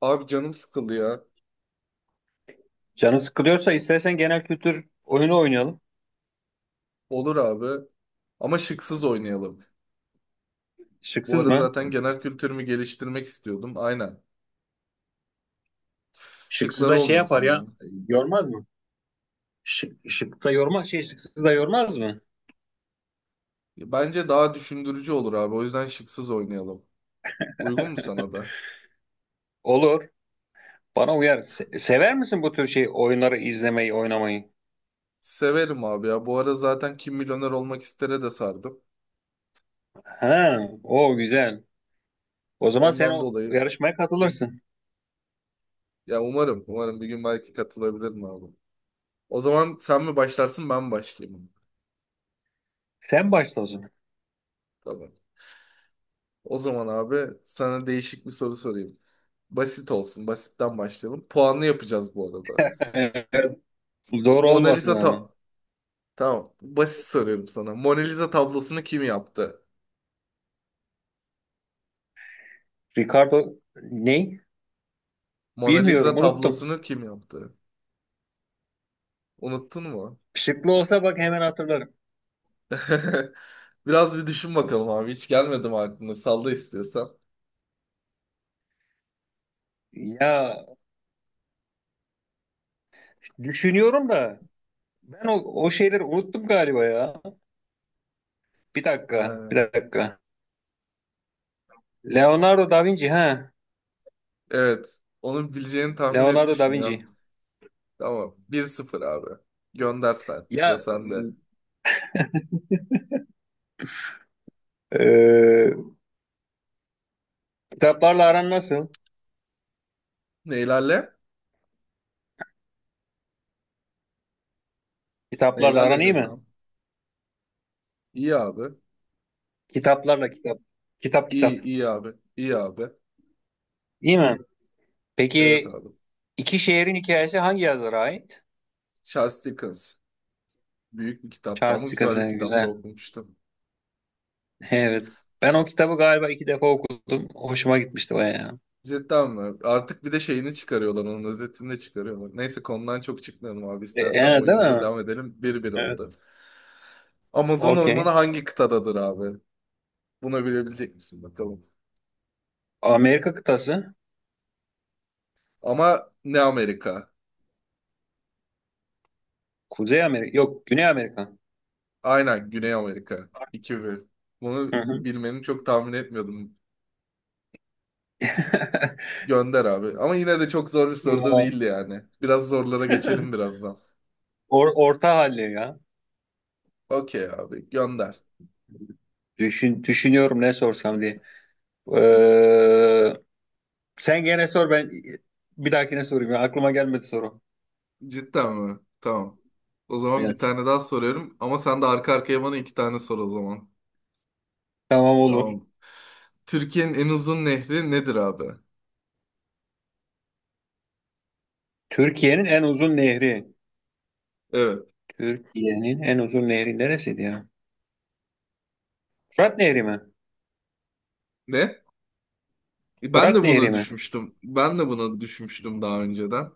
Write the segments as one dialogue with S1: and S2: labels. S1: Abi canım sıkıldı ya.
S2: Canı sıkılıyorsa istersen genel kültür oyunu oynayalım.
S1: Olur abi. Ama şıksız oynayalım. Bu
S2: Şıksız
S1: ara
S2: mı?
S1: zaten genel kültürümü geliştirmek istiyordum. Aynen.
S2: Şıksız
S1: Şıklar
S2: da şey yapar
S1: olmasın yani.
S2: ya. Yormaz mı? Şık, şık da yormaz şey şıksız da yormaz mı?
S1: Bence daha düşündürücü olur abi. O yüzden şıksız oynayalım. Uygun mu sana da?
S2: Olur. Bana uyar. Sever misin bu tür şey oyunları izlemeyi, oynamayı?
S1: Severim abi ya. Bu ara zaten Kim Milyoner Olmak İster'e de sardım.
S2: Ha, o güzel. O zaman sen
S1: Ondan
S2: o
S1: dolayı
S2: yarışmaya
S1: hı,
S2: katılırsın.
S1: ya umarım, bir gün belki katılabilirim abi. O zaman sen mi başlarsın, ben mi başlayayım?
S2: Sen başla o zaman.
S1: Tamam. O zaman abi sana değişik bir soru sorayım. Basit olsun. Basitten başlayalım. Puanlı yapacağız bu arada.
S2: Eğer Zor
S1: Mona
S2: olmasın
S1: Lisa ta
S2: ama.
S1: Tamam. Basit soruyorum sana. Mona Lisa tablosunu kim yaptı?
S2: Ricardo ne?
S1: Mona Lisa
S2: Bilmiyorum, unuttum.
S1: tablosunu kim yaptı? Unuttun mu?
S2: Şıklı olsa bak hemen hatırlarım.
S1: Biraz bir düşün bakalım abi. Hiç gelmedim aklına. Salla istiyorsan.
S2: Ya Düşünüyorum da Ben o, o şeyleri unuttum galiba ya. Bir dakika, bir
S1: Ee,
S2: dakika. Leonardo da Vinci ha.
S1: evet. Onu bileceğini tahmin
S2: Leonardo da
S1: etmiştim ya.
S2: Vinci.
S1: Tamam, bir sıfır abi. Gönder sen. Sıra
S2: Ya
S1: sende.
S2: e, e, kitaplarla aran nasıl?
S1: Neylerle?
S2: Kitaplarla aran
S1: Neylerle
S2: iyi mi?
S1: dedim. İyi abi.
S2: Kitaplarla kitap. Kitap
S1: İyi
S2: kitap.
S1: iyi abi. İyi abi.
S2: İyi mi?
S1: Evet
S2: Peki,
S1: abi.
S2: iki şehrin hikayesi hangi yazara ait?
S1: Charles Dickens. Büyük bir kitaptı
S2: Charles
S1: ama güzel bir
S2: Dickens'e
S1: kitapta
S2: güzel.
S1: okumuştum.
S2: Evet. Ben o kitabı galiba iki defa okudum. Hoşuma gitmişti bayağı.
S1: Cidden mi? Artık bir de şeyini çıkarıyorlar, onun özetini de çıkarıyorlar. Neyse konudan çok çıkmayalım abi. İstersen
S2: Değil
S1: oyunumuza
S2: mi?
S1: devam edelim. Bir bir
S2: Evet.
S1: oldu. Amazon
S2: Okey.
S1: ormanı hangi kıtadadır abi? Bunu bilebilecek misin bakalım.
S2: Amerika kıtası.
S1: Ama ne Amerika?
S2: Kuzey Amerika. Yok, Güney Amerika.
S1: Aynen Güney Amerika. 2 bir. Bunu
S2: Hı hı.
S1: bilmeni çok tahmin etmiyordum. Gönder abi. Ama yine de çok zor bir soru da
S2: Ya.
S1: değildi yani. Biraz zorlara geçelim birazdan.
S2: Orta halli ya.
S1: Okey abi gönder.
S2: Düşünüyorum ne sorsam diye. Ee, Sen gene sor, ben bir dahakine sorayım ya. Aklıma gelmedi soru.
S1: Cidden mi? Tamam. O zaman bir
S2: Evet.
S1: tane daha soruyorum ama sen de arka arkaya bana iki tane sor o zaman.
S2: Tamam, olur.
S1: Tamam. Türkiye'nin en uzun nehri nedir abi?
S2: Türkiye'nin en uzun nehri.
S1: Evet.
S2: Türkiye'nin en uzun nehri neresiydi ya? Fırat Nehri mi?
S1: Ne? Ben
S2: Fırat
S1: de
S2: Nehri
S1: buna
S2: mi?
S1: düşmüştüm. Daha önceden.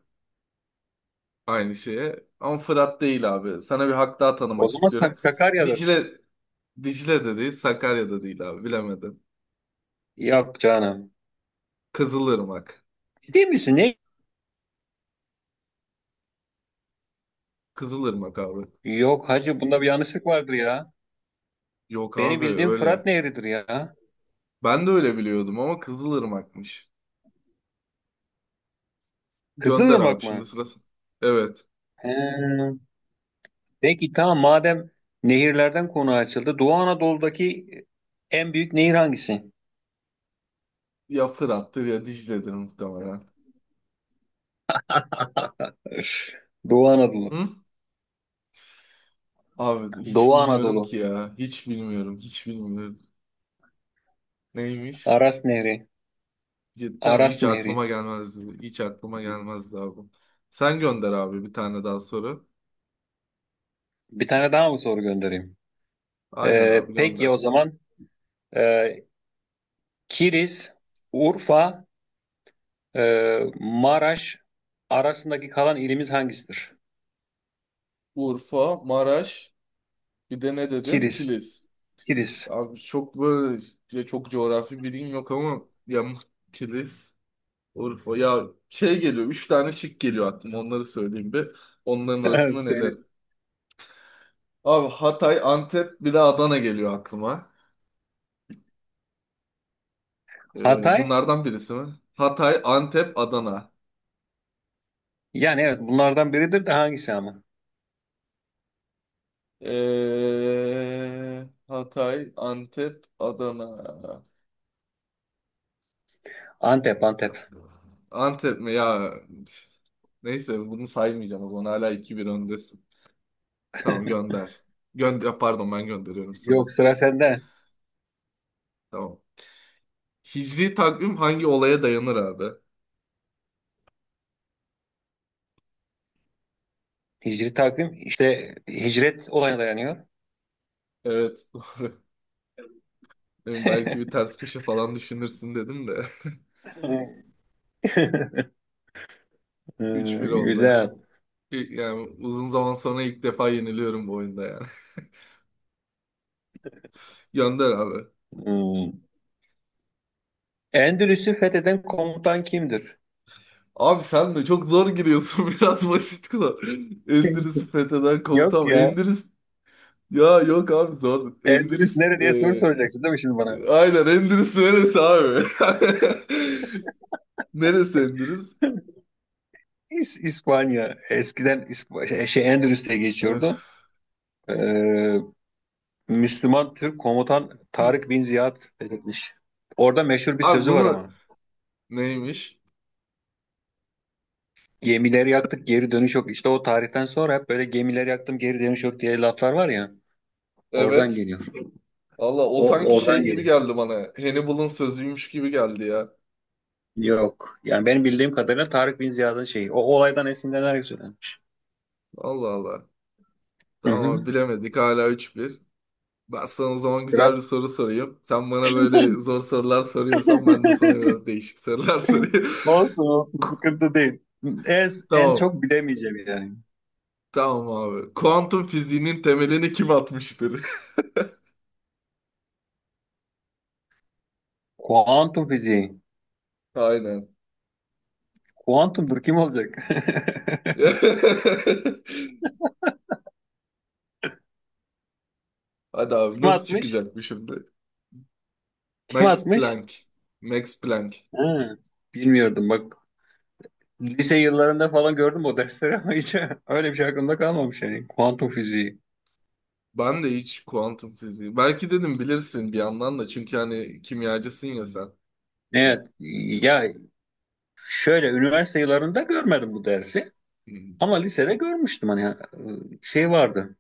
S1: Aynı şeye. Ama Fırat değil abi. Sana bir hak daha
S2: O
S1: tanımak
S2: zaman
S1: istiyorum.
S2: Sakarya'dır.
S1: Dicle, Dicle de değil, Sakarya da değil abi. Bilemedim.
S2: Yok canım.
S1: Kızılırmak.
S2: Ciddi misin? Ne?
S1: Kızılırmak abi.
S2: Yok hacı, bunda bir yanlışlık vardır ya.
S1: Yok
S2: Benim
S1: abi
S2: bildiğim Fırat
S1: öyle.
S2: Nehri'dir ya.
S1: Ben de öyle biliyordum ama Kızılırmak'mış. Gönder abi
S2: Kızılırmak
S1: şimdi
S2: mı?
S1: sırası. Evet.
S2: He. Peki tamam, madem nehirlerden konu açıldı, Doğu Anadolu'daki en büyük nehir hangisi?
S1: Ya Fırat'tır ya Dicle'dir muhtemelen.
S2: Öf, Doğu Anadolu.
S1: Hı? Abi hiç
S2: Doğu
S1: bilmiyorum ki
S2: Anadolu.
S1: ya. Hiç bilmiyorum. Hiç bilmiyorum. Neymiş?
S2: Aras Nehri.
S1: Cidden mi?
S2: Aras
S1: Hiç
S2: Nehri.
S1: aklıma gelmezdi. Hiç aklıma gelmezdi abi. Sen gönder abi bir tane daha soru.
S2: Bir tane daha mı soru göndereyim?
S1: Aynen abi
S2: Peki
S1: gönder.
S2: o zaman, e, Kilis, Urfa, Maraş arasındaki kalan ilimiz hangisidir?
S1: Urfa, Maraş, bir de ne dedin?
S2: Kilis.
S1: Kilis.
S2: Kilis.
S1: Abi çok böyle, ya çok coğrafi bilgim yok ama Kilis. Urfa ya şey geliyor. Üç tane şık geliyor aklıma. Onları söyleyeyim bir. Onların arasında neler?
S2: Söyle.
S1: Abi Hatay, Antep bir de Adana geliyor aklıma.
S2: Hatay?
S1: Bunlardan birisi mi? Hatay, Antep, Adana.
S2: Yani evet, bunlardan biridir de hangisi ama?
S1: Hatay, Antep, Adana.
S2: Antep.
S1: Ya- Antep mi ya? Neyse bunu saymayacağım o zaman. Hala iki bir öndesin. Tamam gönder. Gönder, pardon ben gönderiyorum sana.
S2: Yok, sıra sende.
S1: Tamam. Hicri takvim hangi olaya dayanır abi?
S2: Hicri takvim işte hicret olayına dayanıyor.
S1: Evet, doğru. Yani belki bir ters köşe falan düşünürsün dedim de. Üç bir oldu.
S2: Güzel.
S1: Yani uzun zaman sonra ilk defa yeniliyorum bu oyunda yani. Gönder abi.
S2: Hmm. Endülüs'ü fetheden komutan kimdir?
S1: Abi sen de çok zor giriyorsun, biraz basit kula. Endülüs'ü fetheden
S2: Yok
S1: komutan.
S2: ya.
S1: Ya yok abi zor.
S2: Endülüs nerede diye soru soracaksın değil mi şimdi bana?
S1: Aynen, Endülüs neresi abi? Neresi Endülüs?
S2: İspanya. Eskiden şey, şey, Endülüs diye geçiyordu.
S1: Öf.
S2: Ee, Müslüman Türk komutan Tarık bin Ziyad fethetmiş. Orada meşhur bir
S1: Abi
S2: sözü var
S1: bunu,
S2: ama.
S1: neymiş?
S2: Gemileri yaktık, geri dönüş yok. İşte o tarihten sonra hep böyle gemileri yaktım geri dönüş yok diye laflar var ya. Oradan
S1: Evet.
S2: geliyor.
S1: Allah, o
S2: O
S1: sanki şey
S2: oradan
S1: gibi
S2: geliyor.
S1: geldi bana. Hannibal'ın sözüymüş gibi geldi ya.
S2: Yok. Yani benim bildiğim kadarıyla Tarık Bin Ziyad'ın şeyi. O olaydan esinlenerek söylenmiş.
S1: Allah Allah.
S2: Hı
S1: Tamam
S2: hı.
S1: bilemedik, hala 3-1. Ben sana o zaman
S2: Sıra-
S1: güzel bir soru sorayım. Sen bana böyle zor sorular soruyorsan ben de sana biraz değişik sorular sorayım.
S2: Olsun olsun, sıkıntı değil. En
S1: Tamam.
S2: çok bilemeyeceğim yani.
S1: Tamam abi. Kuantum fiziğinin temelini kim atmıştır?
S2: Kuantum fiziği.
S1: Aynen.
S2: Kuantumdur, kim olacak?
S1: Hadi abi
S2: Kim
S1: nasıl
S2: atmış?
S1: çıkacak bu şimdi?
S2: Kim
S1: Max
S2: atmış?
S1: Planck. Max Planck.
S2: Ha, bilmiyordum bak. Lise yıllarında falan gördüm o dersleri ama hiç öyle bir şey aklımda kalmamış yani. Kuantum fiziği.
S1: Ben de hiç kuantum fiziği. Belki dedim bilirsin bir yandan da çünkü hani kimyacısın ya sen.
S2: Evet ya, şöyle üniversite yıllarında görmedim bu dersi.
S1: Hmm.
S2: Ama lisede görmüştüm hani şey vardı.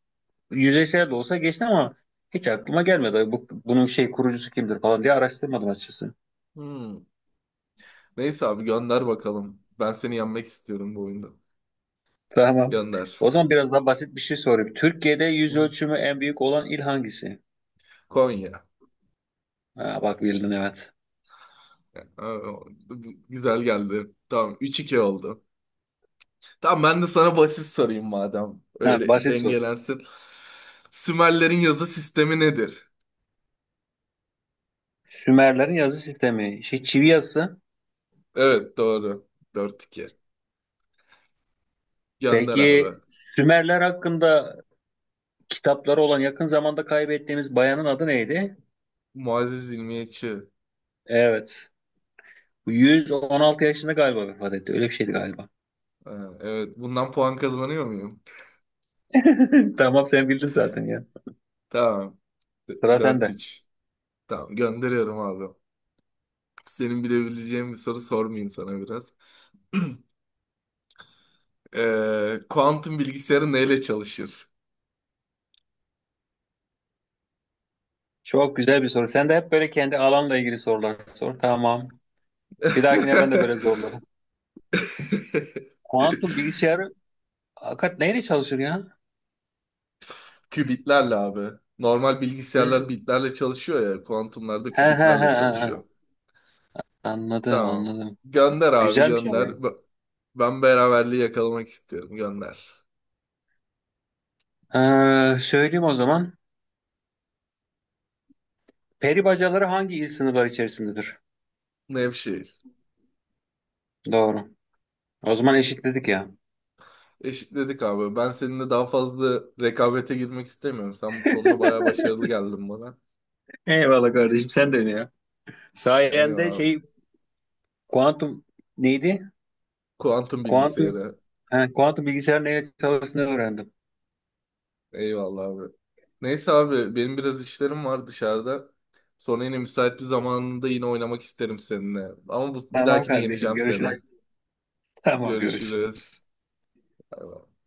S2: Yüzeysel de olsa geçti ama hiç aklıma gelmedi. Ay bu, bunun şey kurucusu kimdir falan diye araştırmadım açıkçası.
S1: Hmm. Neyse abi gönder bakalım. Ben seni yenmek istiyorum bu oyunda.
S2: Tamam.
S1: Gönder.
S2: O zaman biraz daha basit bir şey sorayım. Türkiye'de
S1: Hı
S2: yüz
S1: hı.
S2: ölçümü en büyük olan il hangisi?
S1: Konya.
S2: Ha, bak bildin, evet.
S1: Aa, güzel geldi. Tamam, üç iki oldu. Tamam ben de sana basit sorayım madem.
S2: Ha,
S1: Öyle
S2: basit soru.
S1: dengelensin. Sümerlerin yazı sistemi nedir?
S2: Sümerlerin yazı sistemi, şey, çivi yazısı.
S1: Evet doğru. Dört iki. Gönder
S2: Peki
S1: abi.
S2: Sümerler hakkında kitapları olan yakın zamanda kaybettiğimiz bayanın adı neydi?
S1: Muazzez İlmiyeçi.
S2: Evet. 116 yaşında galiba vefat etti. Öyle bir şeydi galiba.
S1: Ha, evet bundan puan kazanıyor muyum?
S2: Tamam, sen bildin zaten ya.
S1: Tamam.
S2: Sıra
S1: Dört
S2: sende.
S1: 3. Tamam gönderiyorum abi. Senin bilebileceğin bir soru sormayayım sana biraz. Kuantum bilgisayarı neyle çalışır?
S2: Çok güzel bir soru. Sen de hep böyle kendi alanla ilgili sorular sor. Tamam. Bir dahakine ben de böyle zorlarım. Kuantum bilgisayarı hakikat neyle çalışır ya?
S1: Kübitlerle abi. Normal bilgisayarlar
S2: Hı.
S1: bitlerle çalışıyor ya. Kuantumlarda
S2: He he he
S1: kübitlerle
S2: he.
S1: çalışıyor.
S2: He. Anladım
S1: Tamam.
S2: anladım.
S1: Gönder abi
S2: Güzelmiş yani.
S1: gönder. Ben beraberliği yakalamak istiyorum. Gönder.
S2: Söyleyeyim o zaman. Peri bacaları hangi il sınırları içerisindedir?
S1: Nevşehir.
S2: Doğru. O zaman eşitledik ya.
S1: Eşitledik abi. Ben seninle daha fazla rekabete girmek istemiyorum. Sen bu konuda bayağı başarılı geldin bana.
S2: Eyvallah kardeşim, sen de öyle ya. Sayende
S1: Eyvallah abi.
S2: şey, kuantum neydi?
S1: Kuantum
S2: Kuantum
S1: bilgisayarı.
S2: he, kuantum bilgisayar neyle çalıştığını öğrendim.
S1: Eyvallah abi. Neyse abi benim biraz işlerim var dışarıda. Sonra yine müsait bir zamanında yine oynamak isterim seninle. Ama bu, bir
S2: Tamam
S1: dahakine
S2: kardeşim,
S1: yeneceğim seni.
S2: görüşürüz. Tamam
S1: Görüşürüz.
S2: görüşürüz.
S1: Bay bay.